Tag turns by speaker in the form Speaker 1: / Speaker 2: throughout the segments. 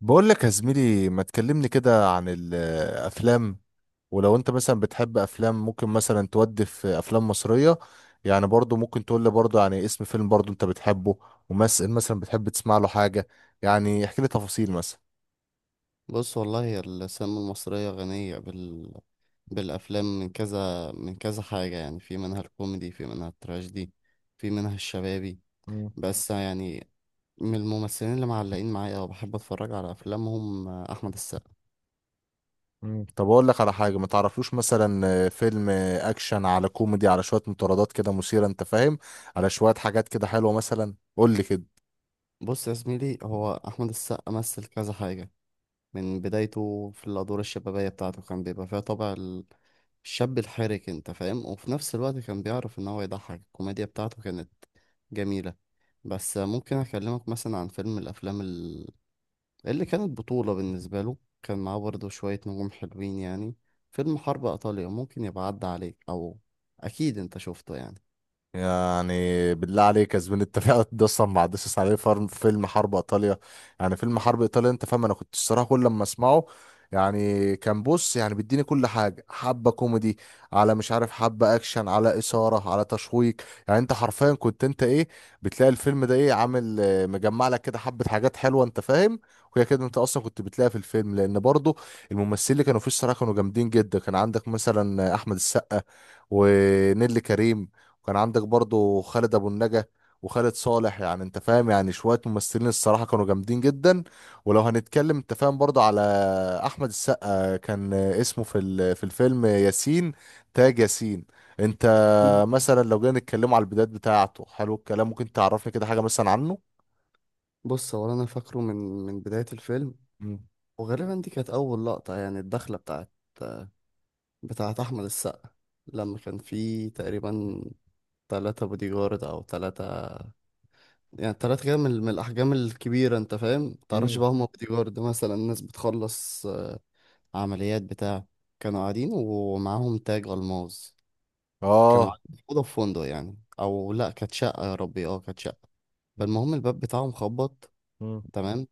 Speaker 1: بقول لك يا زميلي ما تكلمني كده عن الافلام، ولو انت مثلا بتحب افلام ممكن مثلا تودي في افلام مصرية. يعني برضو ممكن تقول لي برضو يعني اسم فيلم برضو انت بتحبه، وممثل مثلا بتحب تسمع له حاجة. يعني احكي لي تفاصيل مثلا.
Speaker 2: بص والله هي السينما المصرية غنية بالأفلام من كذا من كذا حاجة، يعني في منها الكوميدي، في منها التراجيدي، في منها الشبابي.
Speaker 1: مم.
Speaker 2: بس يعني من الممثلين اللي معلقين معايا وبحب أتفرج على أفلامهم أحمد السقا.
Speaker 1: مم. طب اقول لك على حاجة ما تعرفلوش مثلا، فيلم اكشن على كوميدي على شوية مطاردات كده مثيرة، انت فاهم؟ على شوية حاجات كده حلوة مثلا، قول لي كده.
Speaker 2: بص يا زميلي، هو أحمد السقا مثل كذا حاجة. من بدايته في الأدوار الشبابية بتاعته كان بيبقى فيها طابع الشاب الحرك، انت فاهم، وفي نفس الوقت كان بيعرف ان هو يضحك، الكوميديا بتاعته كانت جميلة. بس ممكن اكلمك مثلا عن فيلم من الافلام اللي كانت بطولة بالنسبة له، كان معاه برضه شوية نجوم حلوين يعني. فيلم حرب ايطاليا ممكن يبقى عدى عليك، او اكيد انت شفته يعني.
Speaker 1: يعني بالله عليك يا زميلي انت فعلا ده اصلا ما عدتش عليه فيلم حرب ايطاليا. يعني فيلم حرب ايطاليا، انت فاهم؟ انا كنت الصراحه كل لما اسمعه يعني كان بص يعني بيديني كل حاجه، حبه كوميدي على مش عارف حبه اكشن على اثاره على تشويق. يعني انت حرفيا كنت انت ايه بتلاقي الفيلم ده ايه عامل مجمع لك كده حبه حاجات حلوه، انت فاهم؟ وهي كده انت اصلا كنت بتلاقيها في الفيلم لان برضه الممثلين اللي كانوا فيه الصراحه كانوا جامدين جدا. كان عندك مثلا احمد السقا ونيللي كريم، وكان عندك برضو خالد ابو النجا وخالد صالح، يعني انت فاهم يعني شويه ممثلين الصراحه كانوا جامدين جدا. ولو هنتكلم انت فاهم برضو على احمد السقا كان اسمه في في الفيلم ياسين، تاج ياسين، انت مثلا لو جينا نتكلم على البدايات بتاعته حلو الكلام ممكن تعرفني كده حاجه مثلا عنه.
Speaker 2: بص، هو انا فاكره من من بداية الفيلم،
Speaker 1: مم.
Speaker 2: وغالبا دي كانت اول لقطة يعني، الدخلة بتاعت احمد السقا، لما كان فيه تقريبا ثلاثة بودي جارد، او ثلاثة يعني، تلات كده من من الأحجام الكبيرة. أنت فاهم؟ متعرفش
Speaker 1: مم.
Speaker 2: بقى هما بوديجارد مثلا، الناس بتخلص عمليات بتاع. كانوا قاعدين ومعاهم تاج ألماظ، كانوا
Speaker 1: اه.
Speaker 2: قاعدين في أوضة في فندق يعني، أو لأ كانت شقة، يا ربي أه كانت شقة.
Speaker 1: مم.
Speaker 2: فالمهم الباب بتاعهم خبط،
Speaker 1: مم.
Speaker 2: تمام،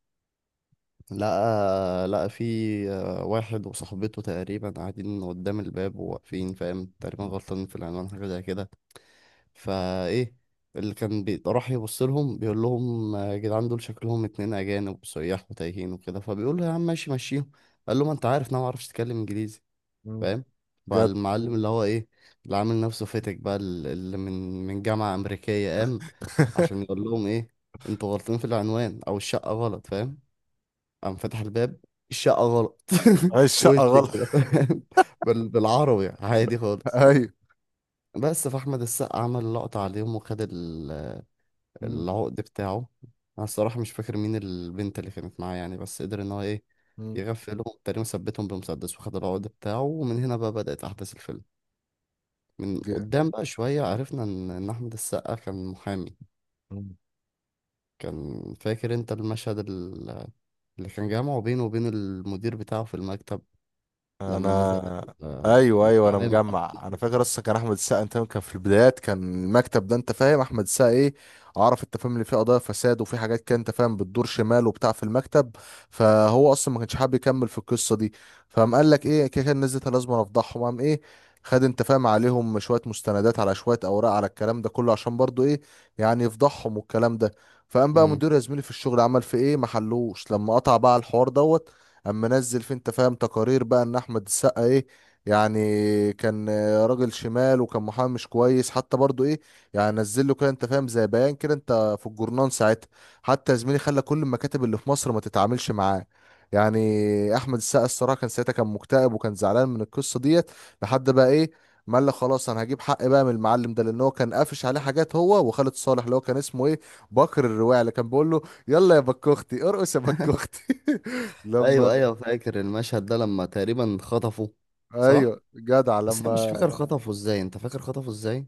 Speaker 2: لقى في واحد وصاحبته تقريبا قاعدين قدام الباب وواقفين، فاهم، تقريبا غلطانين في العنوان حاجة زي كده. فايه اللي كان راح يبص لهم بيقول لهم يا جدعان دول شكلهم اتنين اجانب سياح وتايهين وكده، فبيقول له يا عم ماشي مشيهم. قال له ما انت عارف إن انا ما اعرفش اتكلم انجليزي،
Speaker 1: مم.
Speaker 2: فاهم.
Speaker 1: جد.
Speaker 2: فالمعلم اللي هو ايه، اللي عامل نفسه فاتك بقى، اللي من من جامعة امريكية، قام عشان يقول لهم ايه، انتوا غلطين في العنوان او الشقة غلط، فاهم. قام فتح الباب، الشقة غلط،
Speaker 1: هاي
Speaker 2: وش
Speaker 1: الشقه غلط.
Speaker 2: كده فاهم، بالعربي عادي خالص.
Speaker 1: ايوه.
Speaker 2: بس فاحمد السقا عمل لقطة عليهم وخد
Speaker 1: مم.
Speaker 2: العقد بتاعه. انا الصراحه مش فاكر مين البنت اللي كانت معاه يعني، بس قدر ان هو ايه،
Speaker 1: مم.
Speaker 2: يغفلهم، تقريبا ثبتهم بمسدس وخد العقد بتاعه. ومن هنا بقى بدأت احداث الفيلم. من
Speaker 1: ج-
Speaker 2: قدام بقى شويه عرفنا ان ان احمد السقا كان محامي. كان فاكر انت المشهد اللي كان جامعه بينه وبين المدير بتاعه في المكتب، لما نزل
Speaker 1: انا
Speaker 2: ال-
Speaker 1: ايوه ايوه، انا
Speaker 2: الاعلان بتاعه؟
Speaker 1: مجمع، انا فاكر اصلا كان احمد السقا انت كان في البدايات كان المكتب ده انت فاهم احمد السقا ايه عرف انت فاهم اللي فيه قضايا فساد وفي حاجات كده انت فاهم بتدور شمال وبتاع في المكتب. فهو اصلا ما كانش حابب يكمل في القصه دي، فقام قال لك ايه كده كان نزلت لازم أنا افضحهم. قام ايه خد انت فاهم عليهم شويه مستندات على شويه اوراق على الكلام ده كله عشان برضو ايه يعني يفضحهم والكلام ده. فقام بقى
Speaker 2: مم.
Speaker 1: مدير يا زميلي في الشغل عمل في ايه محلوش لما قطع بقى الحوار دوت اما نزل في انت فاهم تقارير بقى ان احمد السقا ايه يعني كان راجل شمال وكان محامي مش كويس، حتى برضو ايه يعني نزل له كده انت فاهم زي بيان كده انت في الجورنان ساعتها، حتى يا زميلي خلى كل المكاتب اللي في مصر ما تتعاملش معاه. يعني احمد السقا الصراحه كان ساعتها كان مكتئب وكان زعلان من القصه ديت لحد بقى ايه ما قال لك خلاص انا هجيب حق بقى من المعلم ده، لان هو كان قافش عليه حاجات، هو وخالد صالح اللي هو كان اسمه ايه بكر الرواعي اللي كان بيقول له يلا يا بكوختي ارقص يا بكوختي. لما
Speaker 2: ايوه ايوه، فاكر المشهد ده لما تقريبا خطفه، صح.
Speaker 1: ايوه جدع
Speaker 2: بس انا مش
Speaker 1: لما
Speaker 2: فاكر خطفه ازاي، انت فاكر خطفه ازاي؟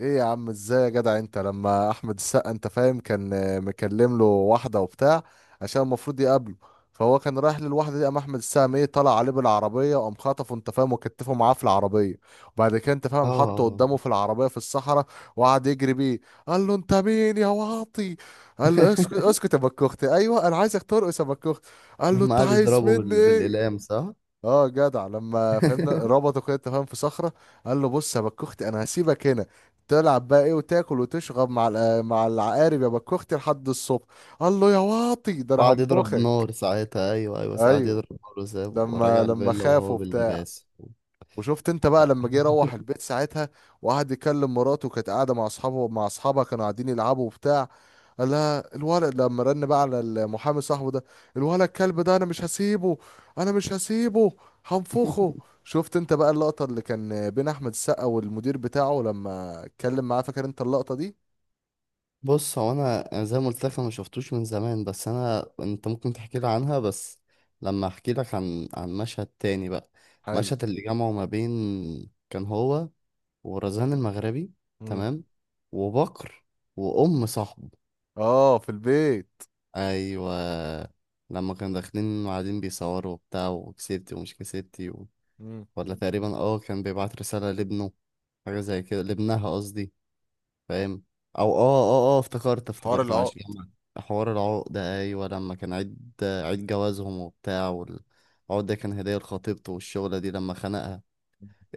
Speaker 1: ايه يا عم ازاي يا جدع انت لما احمد السقا انت فاهم كان مكلم له واحده وبتاع عشان المفروض يقابله. فهو كان رايح للواحده دي قام احمد السقا ايه طلع عليه بالعربيه وقام خطفه انت فاهم وكتفه معاه في العربيه، وبعد كده انت فاهم حطه
Speaker 2: اه.
Speaker 1: قدامه في العربيه في الصحراء وقعد يجري بيه. قال له انت مين يا واطي؟ قال له اسكت اسكت يا بكوختي، ايوه انا عايزك ترقص يا بكوختي. قال له
Speaker 2: لما
Speaker 1: انت
Speaker 2: قعد
Speaker 1: عايز
Speaker 2: يضربه
Speaker 1: مني ايه؟
Speaker 2: بالإقلام، صح؟
Speaker 1: اه جدع لما فهمنا ربطوا كده تفاهم في صخرة، قال له بص يا بكوختي انا هسيبك هنا تلعب بقى ايه وتاكل وتشرب مع مع العقارب يا بكوختي لحد الصبح. قال له يا واطي ده انا
Speaker 2: وقعد يضرب
Speaker 1: هنفخك.
Speaker 2: نار ساعتها، أيوه أيوه، قعد
Speaker 1: ايوه
Speaker 2: يضرب نار وسابه
Speaker 1: لما
Speaker 2: ورجع
Speaker 1: لما
Speaker 2: الفيلا وهو
Speaker 1: خافوا،
Speaker 2: باللباس.
Speaker 1: وشفت انت بقى لما
Speaker 2: لا.
Speaker 1: جه يروح البيت ساعتها وقعد يكلم مراته كانت قاعده مع اصحابه مع اصحابها كانوا قاعدين يلعبوا وبتاع. قال لها الولد لما رن بقى على المحامي صاحبه ده، الولد الكلب ده انا مش هسيبه، انا مش هسيبه، هنفخه. شفت انت بقى اللقطه اللي كان بين احمد السقا والمدير بتاعه لما اتكلم معاه فاكر انت اللقطه دي؟
Speaker 2: بص، هو أنا زي ما قلت لك أنا مشفتوش من زمان، بس أنا أنت ممكن تحكي لي عنها، بس لما أحكي لك عن عن مشهد تاني بقى.
Speaker 1: حلو.
Speaker 2: مشهد اللي جمعه ما بين، كان هو ورزان المغربي،
Speaker 1: مم.
Speaker 2: تمام، وبكر وأم صاحبه.
Speaker 1: اه في البيت.
Speaker 2: ايوه، لما كانوا داخلين وقاعدين بيصوروا وبتاع، وكسبتي ومش كسبتي و...
Speaker 1: مم.
Speaker 2: ولا تقريبا اه كان بيبعت رسالة لابنه، حاجة زي كده، لابنها قصدي، فاهم. او افتكرت
Speaker 1: حوار
Speaker 2: افتكرت معلش
Speaker 1: العقد.
Speaker 2: جمعت. حوار العقدة، ايوه، لما كان عيد عيد جوازهم وبتاع، والعقدة كان هدية لخطيبته، والشغلة دي لما خنقها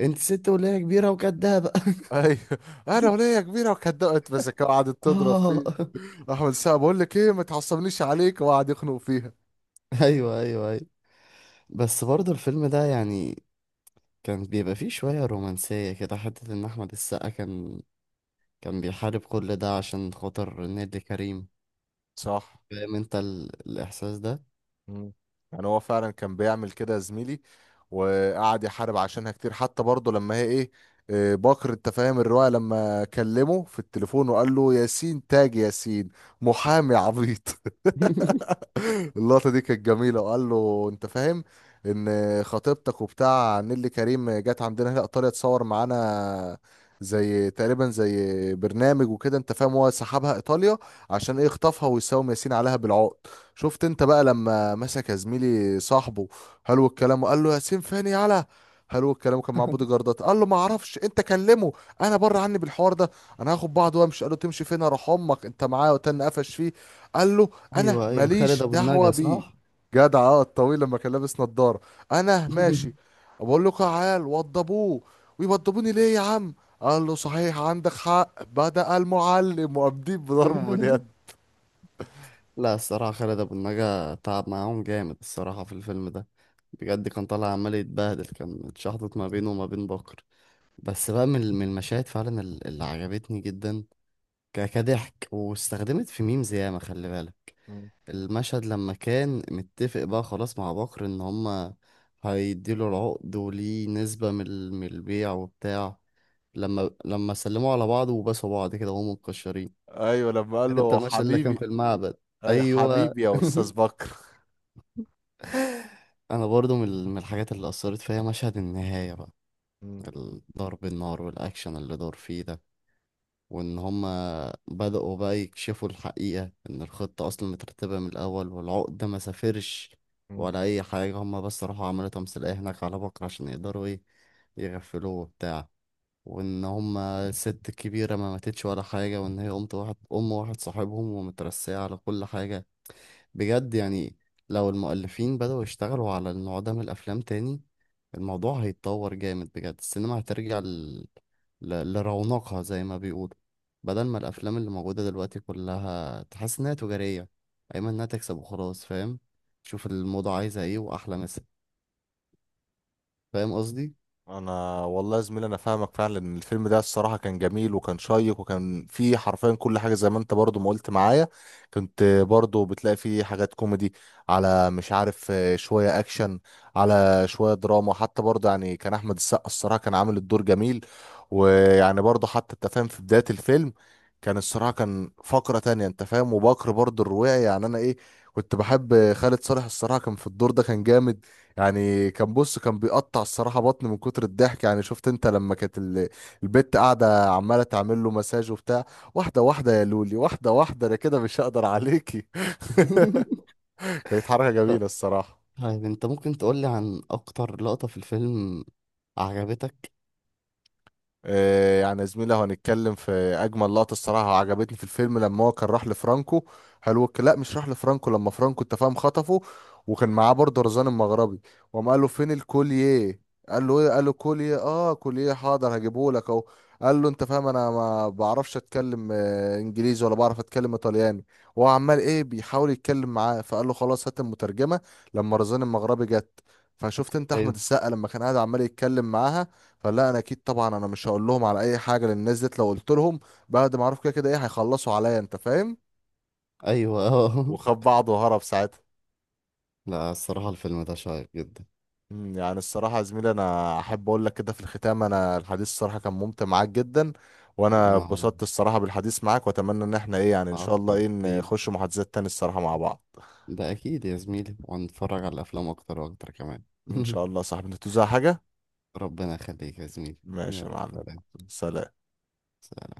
Speaker 2: انت ست ولا هي كبيرة وكدابة.
Speaker 1: ايوه انا وليا كبيره وكدقت مسكه وقعدت تضرب فيه،
Speaker 2: اه،
Speaker 1: احمد سقا بقول لك ايه ما تعصبنيش عليك وقعد يخنق فيها.
Speaker 2: ايوه ايوه ايوه. بس برضه الفيلم ده يعني كان بيبقى فيه شوية رومانسية كده، حتة إن أحمد السقا كان كان بيحارب كل ده عشان خاطر نيللي كريم.
Speaker 1: صح.
Speaker 2: فاهم أنت الإحساس ده؟
Speaker 1: مم. يعني هو فعلا كان بيعمل كده يا زميلي، وقعد يحارب عشانها كتير حتى برضه لما هي ايه إيه، باكر انت فاهم الرواية لما كلمه في التليفون وقال له ياسين تاج ياسين محامي عبيط. اللقطة دي كانت جميلة. وقال له انت فاهم ان خطيبتك وبتاع نيللي كريم جت عندنا هنا ايطاليا تصور معانا زي تقريبا زي برنامج وكده انت فاهم هو سحبها ايطاليا عشان ايه خطفها ويساوم ياسين عليها بالعقد. شفت انت بقى لما مسك يا زميلي صاحبه حلو الكلام وقال له ياسين فين يالا حلو الكلام كان مع بودي جاردات؟ قال له ما اعرفش انت كلمه انا بره عني بالحوار ده انا هاخد بعض وامشي. قال له تمشي فين؟ اروح امك انت معايا، وتن قفش فيه. قال له انا
Speaker 2: أيوه أيوه، خالد
Speaker 1: ماليش
Speaker 2: أبو
Speaker 1: دعوه
Speaker 2: النجا،
Speaker 1: بيه.
Speaker 2: صح؟
Speaker 1: جدع اه الطويل لما كان لابس نضاره، انا ماشي. بقول له تعال وضبوه، ويوضبوني ليه يا عم؟ قال له صحيح عندك حق، بدأ المعلم وقام بضربه باليد.
Speaker 2: لا الصراحة خالد أبو النجا تعب معاهم جامد الصراحة في الفيلم ده، بجد. كان طالع عمال يتبهدل، كان اتشحطت ما بينه وما بين بكر. بس بقى من من المشاهد فعلا اللي عجبتني جدا، كضحك واستخدمت في ميمز ياما، خلي بالك.
Speaker 1: مم.
Speaker 2: المشهد لما كان متفق بقى خلاص مع بكر ان هما هيديله العقد وليه نسبة من من البيع وبتاع، لما لما سلموا على بعض وباسوا بعض كده وهم متكشرين.
Speaker 1: ايوه لما قال
Speaker 2: كان انت
Speaker 1: له
Speaker 2: المشهد اللي كان
Speaker 1: حبيبي،
Speaker 2: في المعبد.
Speaker 1: أي
Speaker 2: ايوه.
Speaker 1: حبيبي يا استاذ بكر.
Speaker 2: انا برضو من من الحاجات اللي اثرت فيا مشهد النهاية بقى، ضرب النار والاكشن اللي دار فيه ده، وإن هما بدأوا بقى يكشفوا الحقيقة، إن الخطة أصلا مترتبة من الأول، والعقدة ما سافرش
Speaker 1: مم.
Speaker 2: ولا أي حاجة، هما بس راحوا عملوا تمثيلية هناك على بكرة، عشان يقدروا إيه يغفلوه وبتاع، وإن هما الست الكبيرة ما ماتتش ولا حاجة، وإن هي أمت واحد، أم واحد صاحبهم، ومترسية على كل حاجة. بجد يعني، لو المؤلفين بدأوا يشتغلوا على النوع ده من الأفلام تاني، الموضوع هيتطور جامد بجد. السينما هترجع لرونقها زي ما بيقولوا، بدل ما الافلام اللي موجوده دلوقتي كلها تحس انها تجاريه، ايما انها تكسب وخلاص، فاهم، شوف الموضة عايزه ايه واحلى مثل، فاهم قصدي.
Speaker 1: انا والله يا زميلي انا فاهمك فعلا ان الفيلم ده الصراحه كان جميل وكان شيق وكان فيه حرفيا كل حاجه زي ما انت برضو ما قلت معايا، كنت برضو بتلاقي فيه حاجات كوميدي على مش عارف شويه اكشن على شويه دراما، حتى برضو يعني كان احمد السقا الصراحه كان عامل الدور جميل. ويعني برضو حتى انت فاهم في بدايه الفيلم كان الصراحه كان فقره تانية انت فاهم، وبكر برضو الرواعي يعني انا ايه كنت بحب خالد صالح الصراحه كان في الدور ده كان جامد. يعني كان بص كان بيقطع الصراحة بطني من كتر الضحك، يعني شفت انت لما كانت البت قاعدة عمالة تعمل له مساج وبتاع، واحدة واحدة يا لولي واحدة واحدة انا كده مش هقدر عليكي. كانت حركة
Speaker 2: طب،
Speaker 1: جميلة الصراحة.
Speaker 2: طيب انت ممكن تقولي عن اكتر لقطه في الفيلم عجبتك؟
Speaker 1: يعني يا زميلي لو هنتكلم في اجمل لقطه الصراحه عجبتني في الفيلم لما هو كان راح لفرانكو هلوك لا مش راح لفرانكو لما فرانكو انت فاهم خطفه وكان معاه برضه رزان المغربي، وقام قال له فين الكوليه؟ قال له ايه؟ قال له كوليه اه كوليه حاضر هجيبه لك اهو. قال له انت فاهم انا ما بعرفش اتكلم انجليزي ولا بعرف اتكلم ايطالياني، وهو عمال ايه بيحاول يتكلم معاه. فقال له خلاص هات المترجمه. لما رزان المغربي جت فشفت انت
Speaker 2: ايوه
Speaker 1: احمد السقا لما كان قاعد عمال يتكلم معاها، فلا انا اكيد طبعا انا مش هقول لهم على اي حاجه لان الناس ديت لو قلت لهم بعد ما اعرف كده كده ايه هيخلصوا عليا، انت فاهم؟
Speaker 2: ايوه. اه.
Speaker 1: وخد بعضه وهرب ساعتها.
Speaker 2: لا الصراحه الفيلم ده شيق جدا.
Speaker 1: يعني الصراحه يا زميلي انا احب اقول لك كده في الختام انا الحديث الصراحه كان ممتع معاك جدا، وانا
Speaker 2: وانا والله
Speaker 1: اتبسطت الصراحه بالحديث معاك، واتمنى ان احنا ايه يعني ان شاء الله
Speaker 2: اكتر
Speaker 1: ايه
Speaker 2: حبيب،
Speaker 1: نخش محادثات تاني الصراحه مع بعض.
Speaker 2: ده اكيد يا زميلي، وهنتفرج على الافلام اكتر واكتر كمان.
Speaker 1: ان شاء الله يا صاحبي، انت توزع حاجه.
Speaker 2: ربنا يخليك يا زميلي.
Speaker 1: ماشي يا
Speaker 2: يلا
Speaker 1: معلم.
Speaker 2: سلام.
Speaker 1: سلام.
Speaker 2: سلام.